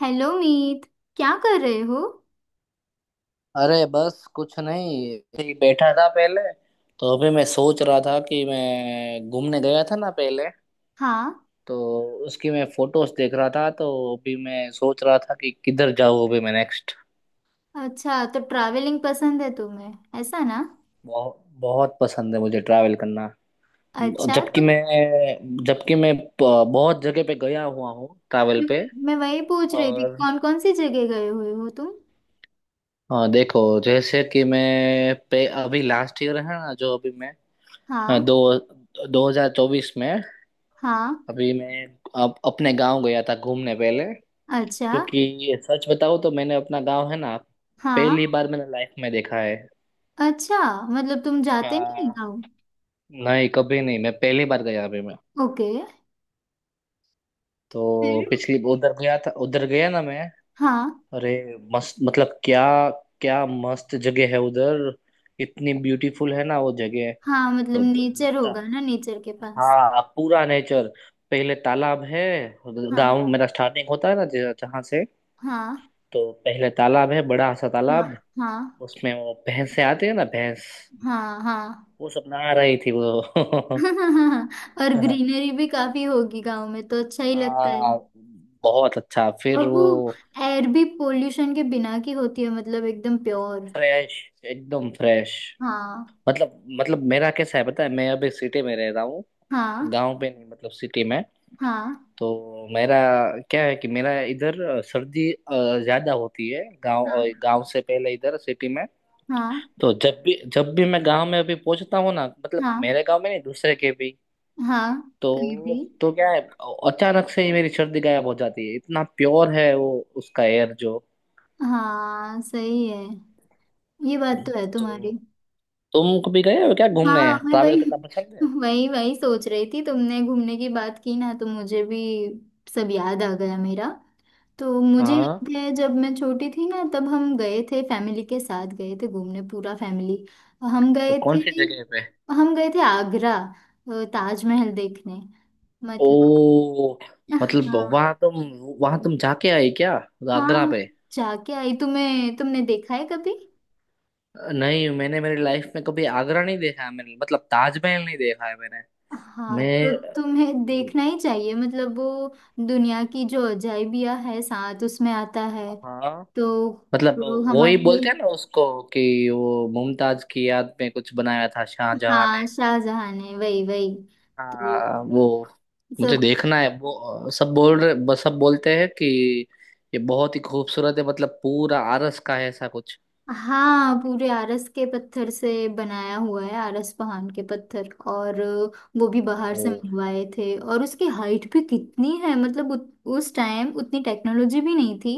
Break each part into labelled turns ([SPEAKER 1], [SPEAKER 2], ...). [SPEAKER 1] Hello Meet. क्या कर रहे हो?
[SPEAKER 2] अरे बस कुछ नहीं, ऐसे ही बैठा था पहले। तो अभी मैं सोच रहा था कि मैं घूमने गया था ना पहले।
[SPEAKER 1] हाँ।
[SPEAKER 2] तो उसकी मैं फोटोज देख रहा था। तो अभी मैं सोच रहा था कि किधर जाऊँ अभी मैं नेक्स्ट।
[SPEAKER 1] अच्छा, तो ट्रैवलिंग पसंद है तुम्हें, ऐसा ना?
[SPEAKER 2] बहुत बहुत पसंद है मुझे ट्रैवल करना।
[SPEAKER 1] अच्छा,
[SPEAKER 2] जबकि
[SPEAKER 1] तो।
[SPEAKER 2] मैं बहुत जगह पे गया हुआ हूँ ट्रैवल पे।
[SPEAKER 1] मैं वही पूछ रही थी,
[SPEAKER 2] और
[SPEAKER 1] कौन कौन सी जगह गए हुए हो तुम।
[SPEAKER 2] हाँ, देखो जैसे कि मैं पे अभी लास्ट ईयर है ना, जो अभी मैं। हाँ,
[SPEAKER 1] हाँ।
[SPEAKER 2] दो 2024 में
[SPEAKER 1] हाँ।
[SPEAKER 2] अभी मैं अपने गांव गया था घूमने पहले।
[SPEAKER 1] अच्छा।
[SPEAKER 2] क्योंकि ये सच बताऊं तो मैंने अपना गांव है ना,
[SPEAKER 1] हाँ।
[SPEAKER 2] पहली बार मैंने लाइफ में देखा है।
[SPEAKER 1] अच्छा, मतलब तुम जाते नहीं
[SPEAKER 2] हाँ।
[SPEAKER 1] गाँव?
[SPEAKER 2] नहीं, कभी नहीं, मैं पहली बार गया अभी मैं।
[SPEAKER 1] ओके।
[SPEAKER 2] तो
[SPEAKER 1] फिर?
[SPEAKER 2] पिछली उधर गया था, उधर गया ना मैं।
[SPEAKER 1] हाँ।
[SPEAKER 2] अरे मस्त, मतलब क्या क्या मस्त जगह है उधर। इतनी ब्यूटीफुल है ना वो जगह।
[SPEAKER 1] हाँ, मतलब नेचर होगा
[SPEAKER 2] मतलब,
[SPEAKER 1] ना, नेचर के पास।
[SPEAKER 2] हाँ पूरा नेचर। पहले तालाब है।
[SPEAKER 1] हाँ।
[SPEAKER 2] गांव मेरा स्टार्टिंग होता है ना जहाँ से।
[SPEAKER 1] हाँ।
[SPEAKER 2] तो पहले तालाब है, बड़ा सा
[SPEAKER 1] हाँ।
[SPEAKER 2] तालाब।
[SPEAKER 1] हाँ।
[SPEAKER 2] उसमें वो भैंस से आती है ना, भैंस।
[SPEAKER 1] हाँ। हाँ।
[SPEAKER 2] वो सब नहा रही थी वो
[SPEAKER 1] और
[SPEAKER 2] हाँ।
[SPEAKER 1] ग्रीनरी भी काफी होगी गांव में, तो अच्छा ही लगता है।
[SPEAKER 2] हाँ, बहुत अच्छा फिर
[SPEAKER 1] और वो
[SPEAKER 2] वो।
[SPEAKER 1] एयर भी पोल्यूशन के बिना की होती है, मतलब एकदम प्योर।
[SPEAKER 2] फ्रेश, एकदम फ्रेश।
[SPEAKER 1] हाँ।
[SPEAKER 2] मतलब मेरा कैसा है पता है, मैं अभी सिटी में रह रहा हूँ।
[SPEAKER 1] हाँ।
[SPEAKER 2] गांव पे नहीं, मतलब सिटी में।
[SPEAKER 1] हाँ।
[SPEAKER 2] तो मेरा क्या है कि मेरा इधर सर्दी ज्यादा होती है
[SPEAKER 1] हाँ।
[SPEAKER 2] गांव से पहले इधर सिटी में।
[SPEAKER 1] हाँ।
[SPEAKER 2] तो जब भी मैं गांव में अभी पहुंचता हूँ ना, मतलब
[SPEAKER 1] हाँ।
[SPEAKER 2] मेरे गांव में नहीं, दूसरे के भी।
[SPEAKER 1] हाँ, कहीं
[SPEAKER 2] तो
[SPEAKER 1] भी।
[SPEAKER 2] तो क्या है, अचानक से ही मेरी सर्दी गायब हो जाती है, इतना प्योर है वो, उसका एयर जो।
[SPEAKER 1] हाँ सही है। ये बात तो है
[SPEAKER 2] तो
[SPEAKER 1] तुम्हारी।
[SPEAKER 2] तुम कभी गए हो क्या घूमने?
[SPEAKER 1] हाँ, मैं
[SPEAKER 2] ट्रैवल
[SPEAKER 1] वही
[SPEAKER 2] करना पसंद है?
[SPEAKER 1] वही वही सोच रही थी, तुमने घूमने की बात की ना, तो मुझे भी सब याद आ गया मेरा। तो मुझे
[SPEAKER 2] हाँ,
[SPEAKER 1] याद है, जब मैं छोटी थी ना, तब हम गए थे, फैमिली के साथ गए थे घूमने, पूरा फैमिली। हम
[SPEAKER 2] तो
[SPEAKER 1] गए
[SPEAKER 2] कौन
[SPEAKER 1] थे।
[SPEAKER 2] सी जगह पे?
[SPEAKER 1] हम गए थे आगरा, ताजमहल देखने। मतलब।
[SPEAKER 2] ओ, मतलब
[SPEAKER 1] हाँ।
[SPEAKER 2] वहां तुम वहां तुम जाके आई क्या?
[SPEAKER 1] हाँ,
[SPEAKER 2] आगरा
[SPEAKER 1] मैं
[SPEAKER 2] पे?
[SPEAKER 1] जाके आई। तुम्हें, तुमने देखा है कभी?
[SPEAKER 2] नहीं, मैंने मेरी लाइफ में कभी आगरा नहीं देखा है मैंने, मतलब ताजमहल नहीं देखा है मैंने।
[SPEAKER 1] हाँ, तो
[SPEAKER 2] मैं।
[SPEAKER 1] तुम्हें देखना ही चाहिए, मतलब वो दुनिया की जो अजाइबिया है साथ, उसमें आता है।
[SPEAKER 2] हाँ।
[SPEAKER 1] तो।
[SPEAKER 2] मतलब
[SPEAKER 1] तो
[SPEAKER 2] वो ही
[SPEAKER 1] हमारे
[SPEAKER 2] बोलते
[SPEAKER 1] लिए।
[SPEAKER 2] हैं ना उसको कि वो मुमताज की याद में कुछ बनाया था शाहजहां
[SPEAKER 1] हाँ,
[SPEAKER 2] ने।
[SPEAKER 1] शाहजहां ने। वही वही। तो
[SPEAKER 2] हाँ वो। मुझे
[SPEAKER 1] सब।
[SPEAKER 2] देखना है वो। सब बोल रहे, बस सब बोलते हैं कि ये बहुत ही खूबसूरत है, मतलब पूरा आरस का है ऐसा कुछ।
[SPEAKER 1] हाँ, पूरे आरस के पत्थर से बनाया हुआ है, आरस पहाड़ के पत्थर, और वो भी बाहर
[SPEAKER 2] ओ
[SPEAKER 1] से मंगवाए थे। और उसकी हाइट भी कितनी है! मतलब उस टाइम उतनी टेक्नोलॉजी भी नहीं थी।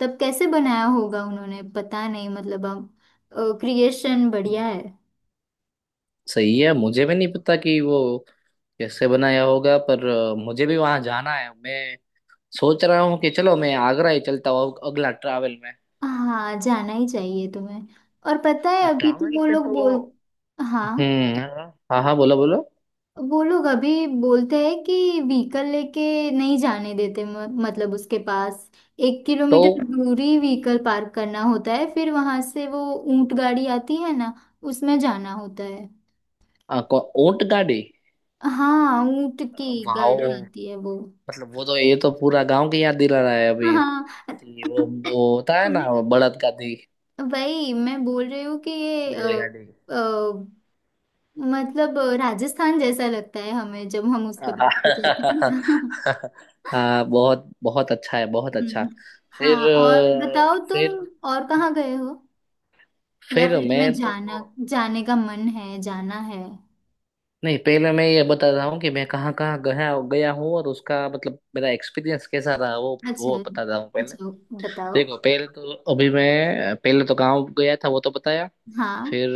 [SPEAKER 1] तब कैसे बनाया होगा उन्होंने, पता नहीं। मतलब, अब क्रिएशन बढ़िया है।
[SPEAKER 2] सही है, मुझे भी नहीं पता कि वो कैसे बनाया होगा, पर मुझे भी वहां जाना है। मैं सोच रहा हूँ कि चलो मैं आगरा ही चलता हूँ अगला ट्रैवल में।
[SPEAKER 1] हाँ, जाना ही चाहिए तुम्हें। और पता है, अभी तो
[SPEAKER 2] ट्रैवल
[SPEAKER 1] वो
[SPEAKER 2] पे
[SPEAKER 1] लोग
[SPEAKER 2] तो।
[SPEAKER 1] बोल। हाँ,
[SPEAKER 2] हम्म, हाँ। हाँ हाँ, बोलो बोलो।
[SPEAKER 1] वो लोग अभी बोलते हैं कि व्हीकल लेके नहीं जाने देते, मतलब उसके पास एक
[SPEAKER 2] तो
[SPEAKER 1] किलोमीटर दूरी व्हीकल पार्क करना होता है, फिर वहां से वो ऊंट गाड़ी आती है ना, उसमें जाना होता है।
[SPEAKER 2] ऊंट गाड़ी।
[SPEAKER 1] हाँ, ऊंट की गाड़ी
[SPEAKER 2] वाओ,
[SPEAKER 1] आती है वो।
[SPEAKER 2] मतलब वो तो, ये तो पूरा गांव की याद दिला रहा है अभी।
[SPEAKER 1] हाँ,
[SPEAKER 2] जी, वो होता है ना वो, बड़द गाड़ी।
[SPEAKER 1] वही मैं बोल रही हूँ कि ये
[SPEAKER 2] बैलगाड़ी।
[SPEAKER 1] अ, मतलब राजस्थान जैसा लगता है हमें, जब हम उस पर बैठे जाते
[SPEAKER 2] हाँ
[SPEAKER 1] हैं।
[SPEAKER 2] हाँ बहुत बहुत अच्छा है, बहुत अच्छा।
[SPEAKER 1] हम्म।
[SPEAKER 2] फिर
[SPEAKER 1] हाँ। और बताओ तुम,
[SPEAKER 2] फिर
[SPEAKER 1] और कहाँ गए हो? या
[SPEAKER 2] फिर
[SPEAKER 1] फिर
[SPEAKER 2] मैं
[SPEAKER 1] तुम्हें
[SPEAKER 2] तो,
[SPEAKER 1] जाना, जाने का मन है, जाना है।
[SPEAKER 2] नहीं पहले मैं ये बता रहा हूँ कि मैं कहाँ कहाँ गया गया हूँ, और उसका मतलब मेरा एक्सपीरियंस कैसा रहा, वो
[SPEAKER 1] अच्छा।
[SPEAKER 2] वो बता रहा हूँ पहले।
[SPEAKER 1] अच्छा, बताओ।
[SPEAKER 2] देखो पहले तो अभी मैं, पहले तो गाँव गया था वो तो बताया।
[SPEAKER 1] हाँ।
[SPEAKER 2] फिर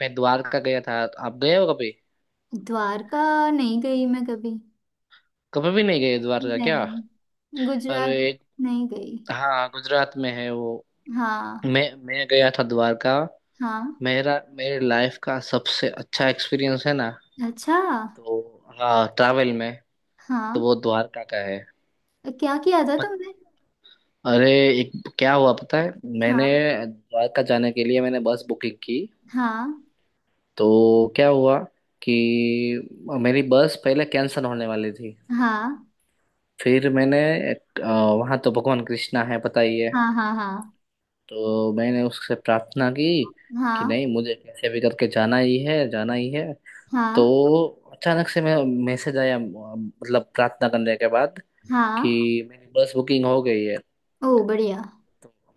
[SPEAKER 2] मैं द्वारका गया था। आप गए हो कभी?
[SPEAKER 1] द्वारका? नहीं गई मैं कभी।
[SPEAKER 2] कभी भी नहीं गए द्वारका क्या?
[SPEAKER 1] नहीं।
[SPEAKER 2] अरे,
[SPEAKER 1] गुजरात, नहीं गई।
[SPEAKER 2] हाँ गुजरात में है वो।
[SPEAKER 1] हाँ।
[SPEAKER 2] मैं गया था द्वारका।
[SPEAKER 1] हाँ।
[SPEAKER 2] मेरा मेरे लाइफ का सबसे अच्छा एक्सपीरियंस है ना।
[SPEAKER 1] अच्छा।
[SPEAKER 2] तो हाँ ट्रैवल में,
[SPEAKER 1] हाँ,
[SPEAKER 2] तो वो द्वारका का है।
[SPEAKER 1] क्या किया था
[SPEAKER 2] पत,
[SPEAKER 1] तुमने?
[SPEAKER 2] अरे, एक, क्या हुआ पता है, मैंने
[SPEAKER 1] हाँ।
[SPEAKER 2] द्वारका जाने के लिए मैंने बस बुकिंग की।
[SPEAKER 1] हाँ।
[SPEAKER 2] तो क्या हुआ कि मेरी बस पहले कैंसिल होने वाली थी।
[SPEAKER 1] हाँ।
[SPEAKER 2] फिर मैंने, वहां तो भगवान कृष्णा है पता ही है,
[SPEAKER 1] हाँ। हाँ। हाँ।
[SPEAKER 2] तो मैंने उससे प्रार्थना की कि
[SPEAKER 1] हाँ।
[SPEAKER 2] नहीं, मुझे कैसे भी करके जाना ही है, जाना ही है। तो
[SPEAKER 1] हाँ।
[SPEAKER 2] अचानक से मैं, मैसेज आया मतलब प्रार्थना करने के बाद कि
[SPEAKER 1] हाँ।
[SPEAKER 2] मेरी बस बुकिंग हो गई है।
[SPEAKER 1] ओ, बढ़िया।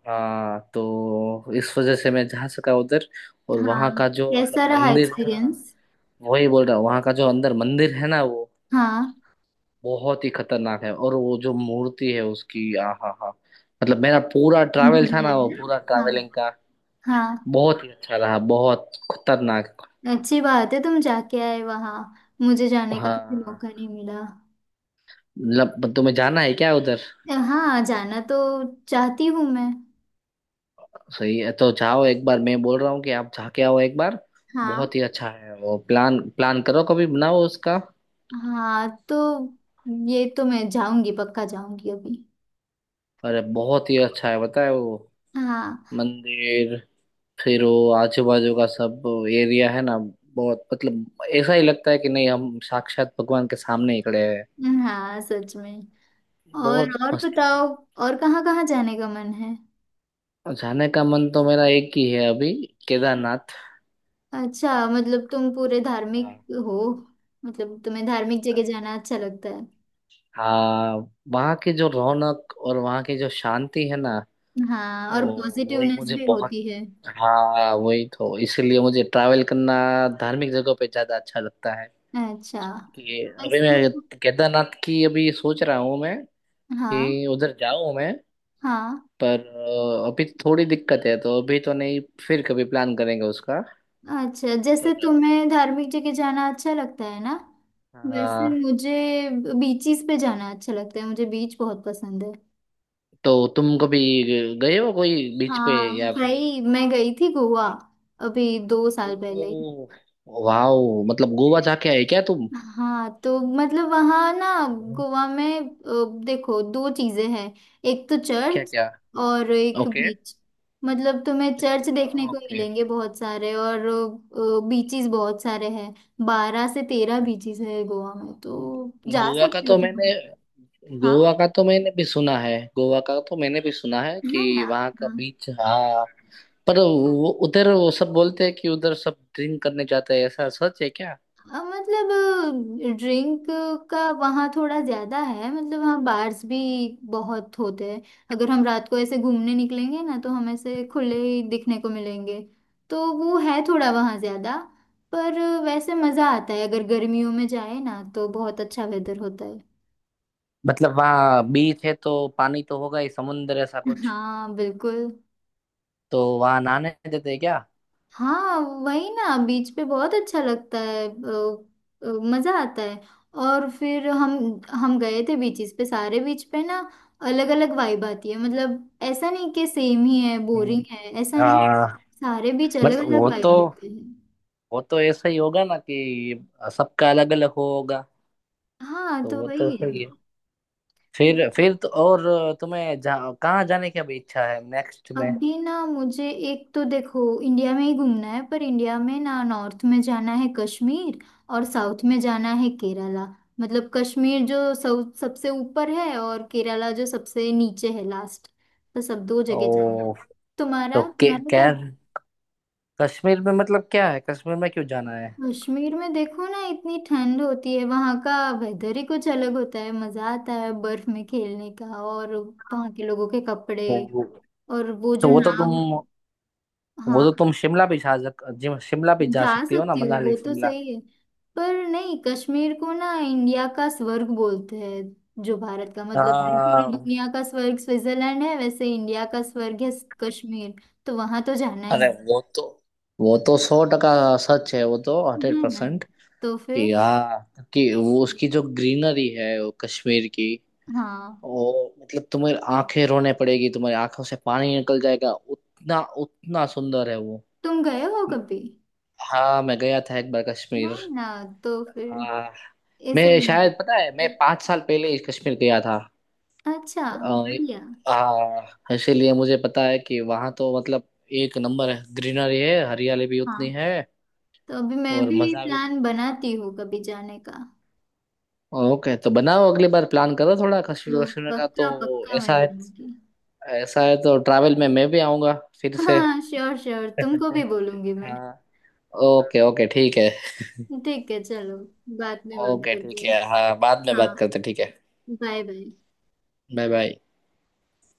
[SPEAKER 2] हाँ, तो इस वजह से मैं जा सका उधर। और
[SPEAKER 1] हाँ,
[SPEAKER 2] वहाँ का जो, मतलब
[SPEAKER 1] कैसा रहा
[SPEAKER 2] मंदिर है ना,
[SPEAKER 1] एक्सपीरियंस?
[SPEAKER 2] वही बोल रहा हूँ, वहाँ का जो अंदर मंदिर है ना, वो
[SPEAKER 1] हाँ
[SPEAKER 2] बहुत ही खतरनाक है, और वो जो मूर्ति है उसकी, आ हा हा। मतलब मेरा पूरा ट्रैवल
[SPEAKER 1] बिल्कुल
[SPEAKER 2] था
[SPEAKER 1] है
[SPEAKER 2] ना वो, पूरा
[SPEAKER 1] ना।
[SPEAKER 2] ट्रैवलिंग
[SPEAKER 1] हाँ।
[SPEAKER 2] का बहुत ही अच्छा रहा, बहुत खतरनाक।
[SPEAKER 1] हाँ, अच्छी बात है तुम जाके आए वहाँ। मुझे जाने का कभी
[SPEAKER 2] हाँ,
[SPEAKER 1] मौका नहीं मिला।
[SPEAKER 2] मतलब तुम्हें जाना है क्या उधर?
[SPEAKER 1] हाँ, जाना तो चाहती हूँ मैं।
[SPEAKER 2] सही है, तो जाओ एक बार, मैं बोल रहा हूँ कि आप जाके आओ एक बार।
[SPEAKER 1] हाँ।
[SPEAKER 2] बहुत ही अच्छा है वो। प्लान प्लान करो, कभी बनाओ उसका।
[SPEAKER 1] हाँ, तो ये तो मैं जाऊंगी, पक्का जाऊंगी अभी।
[SPEAKER 2] अरे बहुत ही अच्छा है, बताए वो
[SPEAKER 1] हाँ।
[SPEAKER 2] मंदिर, फिर वो आजू बाजू का सब एरिया है ना, बहुत मतलब, ऐसा ही लगता है कि नहीं हम साक्षात भगवान के सामने ही खड़े हैं।
[SPEAKER 1] हाँ सच में। और
[SPEAKER 2] बहुत
[SPEAKER 1] और
[SPEAKER 2] मस्त है।
[SPEAKER 1] बताओ, और कहाँ कहाँ जाने का मन है?
[SPEAKER 2] और जाने का मन तो मेरा एक ही है अभी, केदारनाथ।
[SPEAKER 1] अच्छा, मतलब तुम पूरे धार्मिक
[SPEAKER 2] हाँ।
[SPEAKER 1] हो? मतलब तुम्हें धार्मिक जगह जाना अच्छा लगता है?
[SPEAKER 2] हाँ, वहाँ की जो रौनक और वहाँ की जो शांति है ना
[SPEAKER 1] हाँ, और
[SPEAKER 2] वो, वही
[SPEAKER 1] पॉजिटिवनेस
[SPEAKER 2] मुझे
[SPEAKER 1] भी
[SPEAKER 2] बहुत।
[SPEAKER 1] होती है।
[SPEAKER 2] हाँ, वही तो, इसलिए मुझे ट्रैवल करना धार्मिक जगह पे ज्यादा अच्छा लगता है।
[SPEAKER 1] अच्छा।
[SPEAKER 2] कि अभी
[SPEAKER 1] वैसे।
[SPEAKER 2] मैं केदारनाथ की अभी सोच रहा हूँ मैं,
[SPEAKER 1] हाँ।
[SPEAKER 2] कि उधर जाऊँ मैं।
[SPEAKER 1] हाँ।
[SPEAKER 2] पर अभी थोड़ी दिक्कत है, तो अभी तो नहीं, फिर कभी प्लान करेंगे उसका।
[SPEAKER 1] अच्छा, जैसे
[SPEAKER 2] पर
[SPEAKER 1] तुम्हें धार्मिक जगह जाना अच्छा लगता है ना, वैसे
[SPEAKER 2] हाँ,
[SPEAKER 1] मुझे बीचेस पे जाना अच्छा लगता है, मुझे बीच बहुत पसंद है।
[SPEAKER 2] तो तुम कभी गए हो कोई बीच पे
[SPEAKER 1] हाँ
[SPEAKER 2] या फिर?
[SPEAKER 1] भाई, मैं गई थी गोवा, अभी 2 साल पहले।
[SPEAKER 2] ओ वाओ, मतलब गोवा जाके आए क्या तुम?
[SPEAKER 1] हाँ, तो मतलब वहाँ ना, गोवा में देखो दो चीजें हैं, एक तो
[SPEAKER 2] क्या
[SPEAKER 1] चर्च
[SPEAKER 2] क्या?
[SPEAKER 1] और एक
[SPEAKER 2] ओके
[SPEAKER 1] बीच। मतलब तुम्हें चर्च देखने को
[SPEAKER 2] ओके।
[SPEAKER 1] मिलेंगे बहुत सारे, और बीचेस बहुत सारे हैं। 12 से 13 बीचेस है गोवा में, तो जा
[SPEAKER 2] गोवा का
[SPEAKER 1] सकते हो
[SPEAKER 2] तो
[SPEAKER 1] तुम।
[SPEAKER 2] मैंने
[SPEAKER 1] हाँ।
[SPEAKER 2] गोवा का तो मैंने भी सुना है, गोवा का तो मैंने भी सुना है
[SPEAKER 1] है
[SPEAKER 2] कि
[SPEAKER 1] ना?
[SPEAKER 2] वहाँ का
[SPEAKER 1] हाँ।
[SPEAKER 2] बीच, हाँ। पर वो उधर, वो सब बोलते हैं कि उधर सब ड्रिंक करने जाते हैं, ऐसा सच है क्या?
[SPEAKER 1] हाँ, मतलब ड्रिंक का वहाँ थोड़ा ज्यादा है, मतलब वहाँ बार्स भी बहुत होते हैं। अगर हम रात को ऐसे घूमने निकलेंगे ना, तो हम ऐसे खुले ही दिखने को मिलेंगे। तो वो है थोड़ा वहाँ ज्यादा। पर वैसे मजा आता है, अगर गर्मियों में जाए ना, तो बहुत अच्छा वेदर होता है।
[SPEAKER 2] मतलब वहाँ बीच है तो पानी तो होगा ही, समुंदर ऐसा कुछ,
[SPEAKER 1] हाँ बिल्कुल।
[SPEAKER 2] तो वहाँ नहाने देते हैं क्या?
[SPEAKER 1] हाँ वही ना, बीच पे बहुत अच्छा लगता है। अ, मजा आता है। और फिर हम गए थे बीचेस पे, सारे बीच पे ना अलग अलग वाइब आती है, मतलब ऐसा नहीं कि सेम ही है, बोरिंग
[SPEAKER 2] हम्म,
[SPEAKER 1] है, ऐसा नहीं।
[SPEAKER 2] आ,
[SPEAKER 1] सारे बीच अलग
[SPEAKER 2] मतलब
[SPEAKER 1] अलग
[SPEAKER 2] वो तो
[SPEAKER 1] वाइब देते हैं।
[SPEAKER 2] वो तो ऐसा ही होगा ना कि सबका अलग अलग होगा।
[SPEAKER 1] हाँ,
[SPEAKER 2] तो
[SPEAKER 1] तो
[SPEAKER 2] वो तो
[SPEAKER 1] वही है।
[SPEAKER 2] सही है। फिर तो, और तुम्हें कहाँ जाने की अभी इच्छा है नेक्स्ट में?
[SPEAKER 1] अभी ना मुझे एक तो देखो इंडिया में ही घूमना है, पर इंडिया में ना, नॉर्थ में जाना है कश्मीर, और साउथ में जाना है केरला। मतलब कश्मीर जो सब सबसे ऊपर है, और केरला जो सबसे नीचे है, लास्ट। तो सब दो जगह जाना है।
[SPEAKER 2] ओ, तो
[SPEAKER 1] तुम्हारा
[SPEAKER 2] के,
[SPEAKER 1] तुम्हारा क्या?
[SPEAKER 2] कैर कश्मीर में, मतलब क्या है कश्मीर में, क्यों जाना है?
[SPEAKER 1] कश्मीर में देखो ना, इतनी ठंड होती है, वहाँ का वेदर ही कुछ अलग होता है। मजा आता है बर्फ में खेलने का, और वहाँ के लोगों के कपड़े,
[SPEAKER 2] तो,
[SPEAKER 1] और वो
[SPEAKER 2] तो
[SPEAKER 1] जो
[SPEAKER 2] वो तो तुम
[SPEAKER 1] नाव।
[SPEAKER 2] वो तो
[SPEAKER 1] हाँ,
[SPEAKER 2] तुम शिमला भी जा
[SPEAKER 1] जा
[SPEAKER 2] सकती हो ना,
[SPEAKER 1] सकती हूँ
[SPEAKER 2] मनाली,
[SPEAKER 1] वो तो
[SPEAKER 2] शिमला।
[SPEAKER 1] सही है। पर नहीं, कश्मीर को ना इंडिया का स्वर्ग बोलते हैं। जो भारत का मतलब, जो पूरी
[SPEAKER 2] आ,
[SPEAKER 1] दुनिया का स्वर्ग स्विट्जरलैंड है, वैसे इंडिया का स्वर्ग है कश्मीर। तो वहां तो जाना ही
[SPEAKER 2] अरे
[SPEAKER 1] है।
[SPEAKER 2] वो तो सौ टका सच है वो तो, हंड्रेड
[SPEAKER 1] है ना?
[SPEAKER 2] परसेंट
[SPEAKER 1] तो
[SPEAKER 2] कि
[SPEAKER 1] फिर।
[SPEAKER 2] हाँ, कि वो उसकी जो ग्रीनरी है वो कश्मीर की,
[SPEAKER 1] हाँ,
[SPEAKER 2] वो मतलब तुम्हें आंखें रोने पड़ेगी, तुम्हारी आंखों से पानी निकल जाएगा उतना, उतना सुंदर है वो।
[SPEAKER 1] तुम गए हो कभी?
[SPEAKER 2] हाँ, मैं गया था एक बार
[SPEAKER 1] ना।
[SPEAKER 2] कश्मीर।
[SPEAKER 1] ना, तो फिर,
[SPEAKER 2] हाँ,
[SPEAKER 1] इसलिए
[SPEAKER 2] मैं
[SPEAKER 1] मुझे-
[SPEAKER 2] शायद, पता है मैं 5 साल पहले ही कश्मीर गया था।
[SPEAKER 1] अच्छा।
[SPEAKER 2] अ,
[SPEAKER 1] बढ़िया।
[SPEAKER 2] इसीलिए मुझे पता है कि वहाँ तो मतलब एक नंबर है, ग्रीनरी है, हरियाली भी
[SPEAKER 1] हाँ,
[SPEAKER 2] उतनी है।
[SPEAKER 1] तो अभी मैं
[SPEAKER 2] और
[SPEAKER 1] भी
[SPEAKER 2] मजा भी।
[SPEAKER 1] प्लान बनाती हूँ कभी जाने का।
[SPEAKER 2] ओके तो बनाओ, अगली बार प्लान करो थोड़ा, कश्मीर
[SPEAKER 1] तो
[SPEAKER 2] कश्मीर का तो।
[SPEAKER 1] पक्का पक्का मैं
[SPEAKER 2] ऐसा है,
[SPEAKER 1] जाऊंगी।
[SPEAKER 2] ऐसा है तो ट्रैवल में मैं भी आऊंगा फिर से
[SPEAKER 1] हाँ श्योर श्योर, तुमको भी बोलूंगी मैं।
[SPEAKER 2] हाँ। ओके ओके ठीक है।
[SPEAKER 1] ठीक है, चलो बाद में बात
[SPEAKER 2] ओके
[SPEAKER 1] करते
[SPEAKER 2] ठीक
[SPEAKER 1] हैं।
[SPEAKER 2] है, हाँ बाद में
[SPEAKER 1] हाँ,
[SPEAKER 2] बात करते हैं, ठीक है।
[SPEAKER 1] Bye bye.
[SPEAKER 2] Bye bye.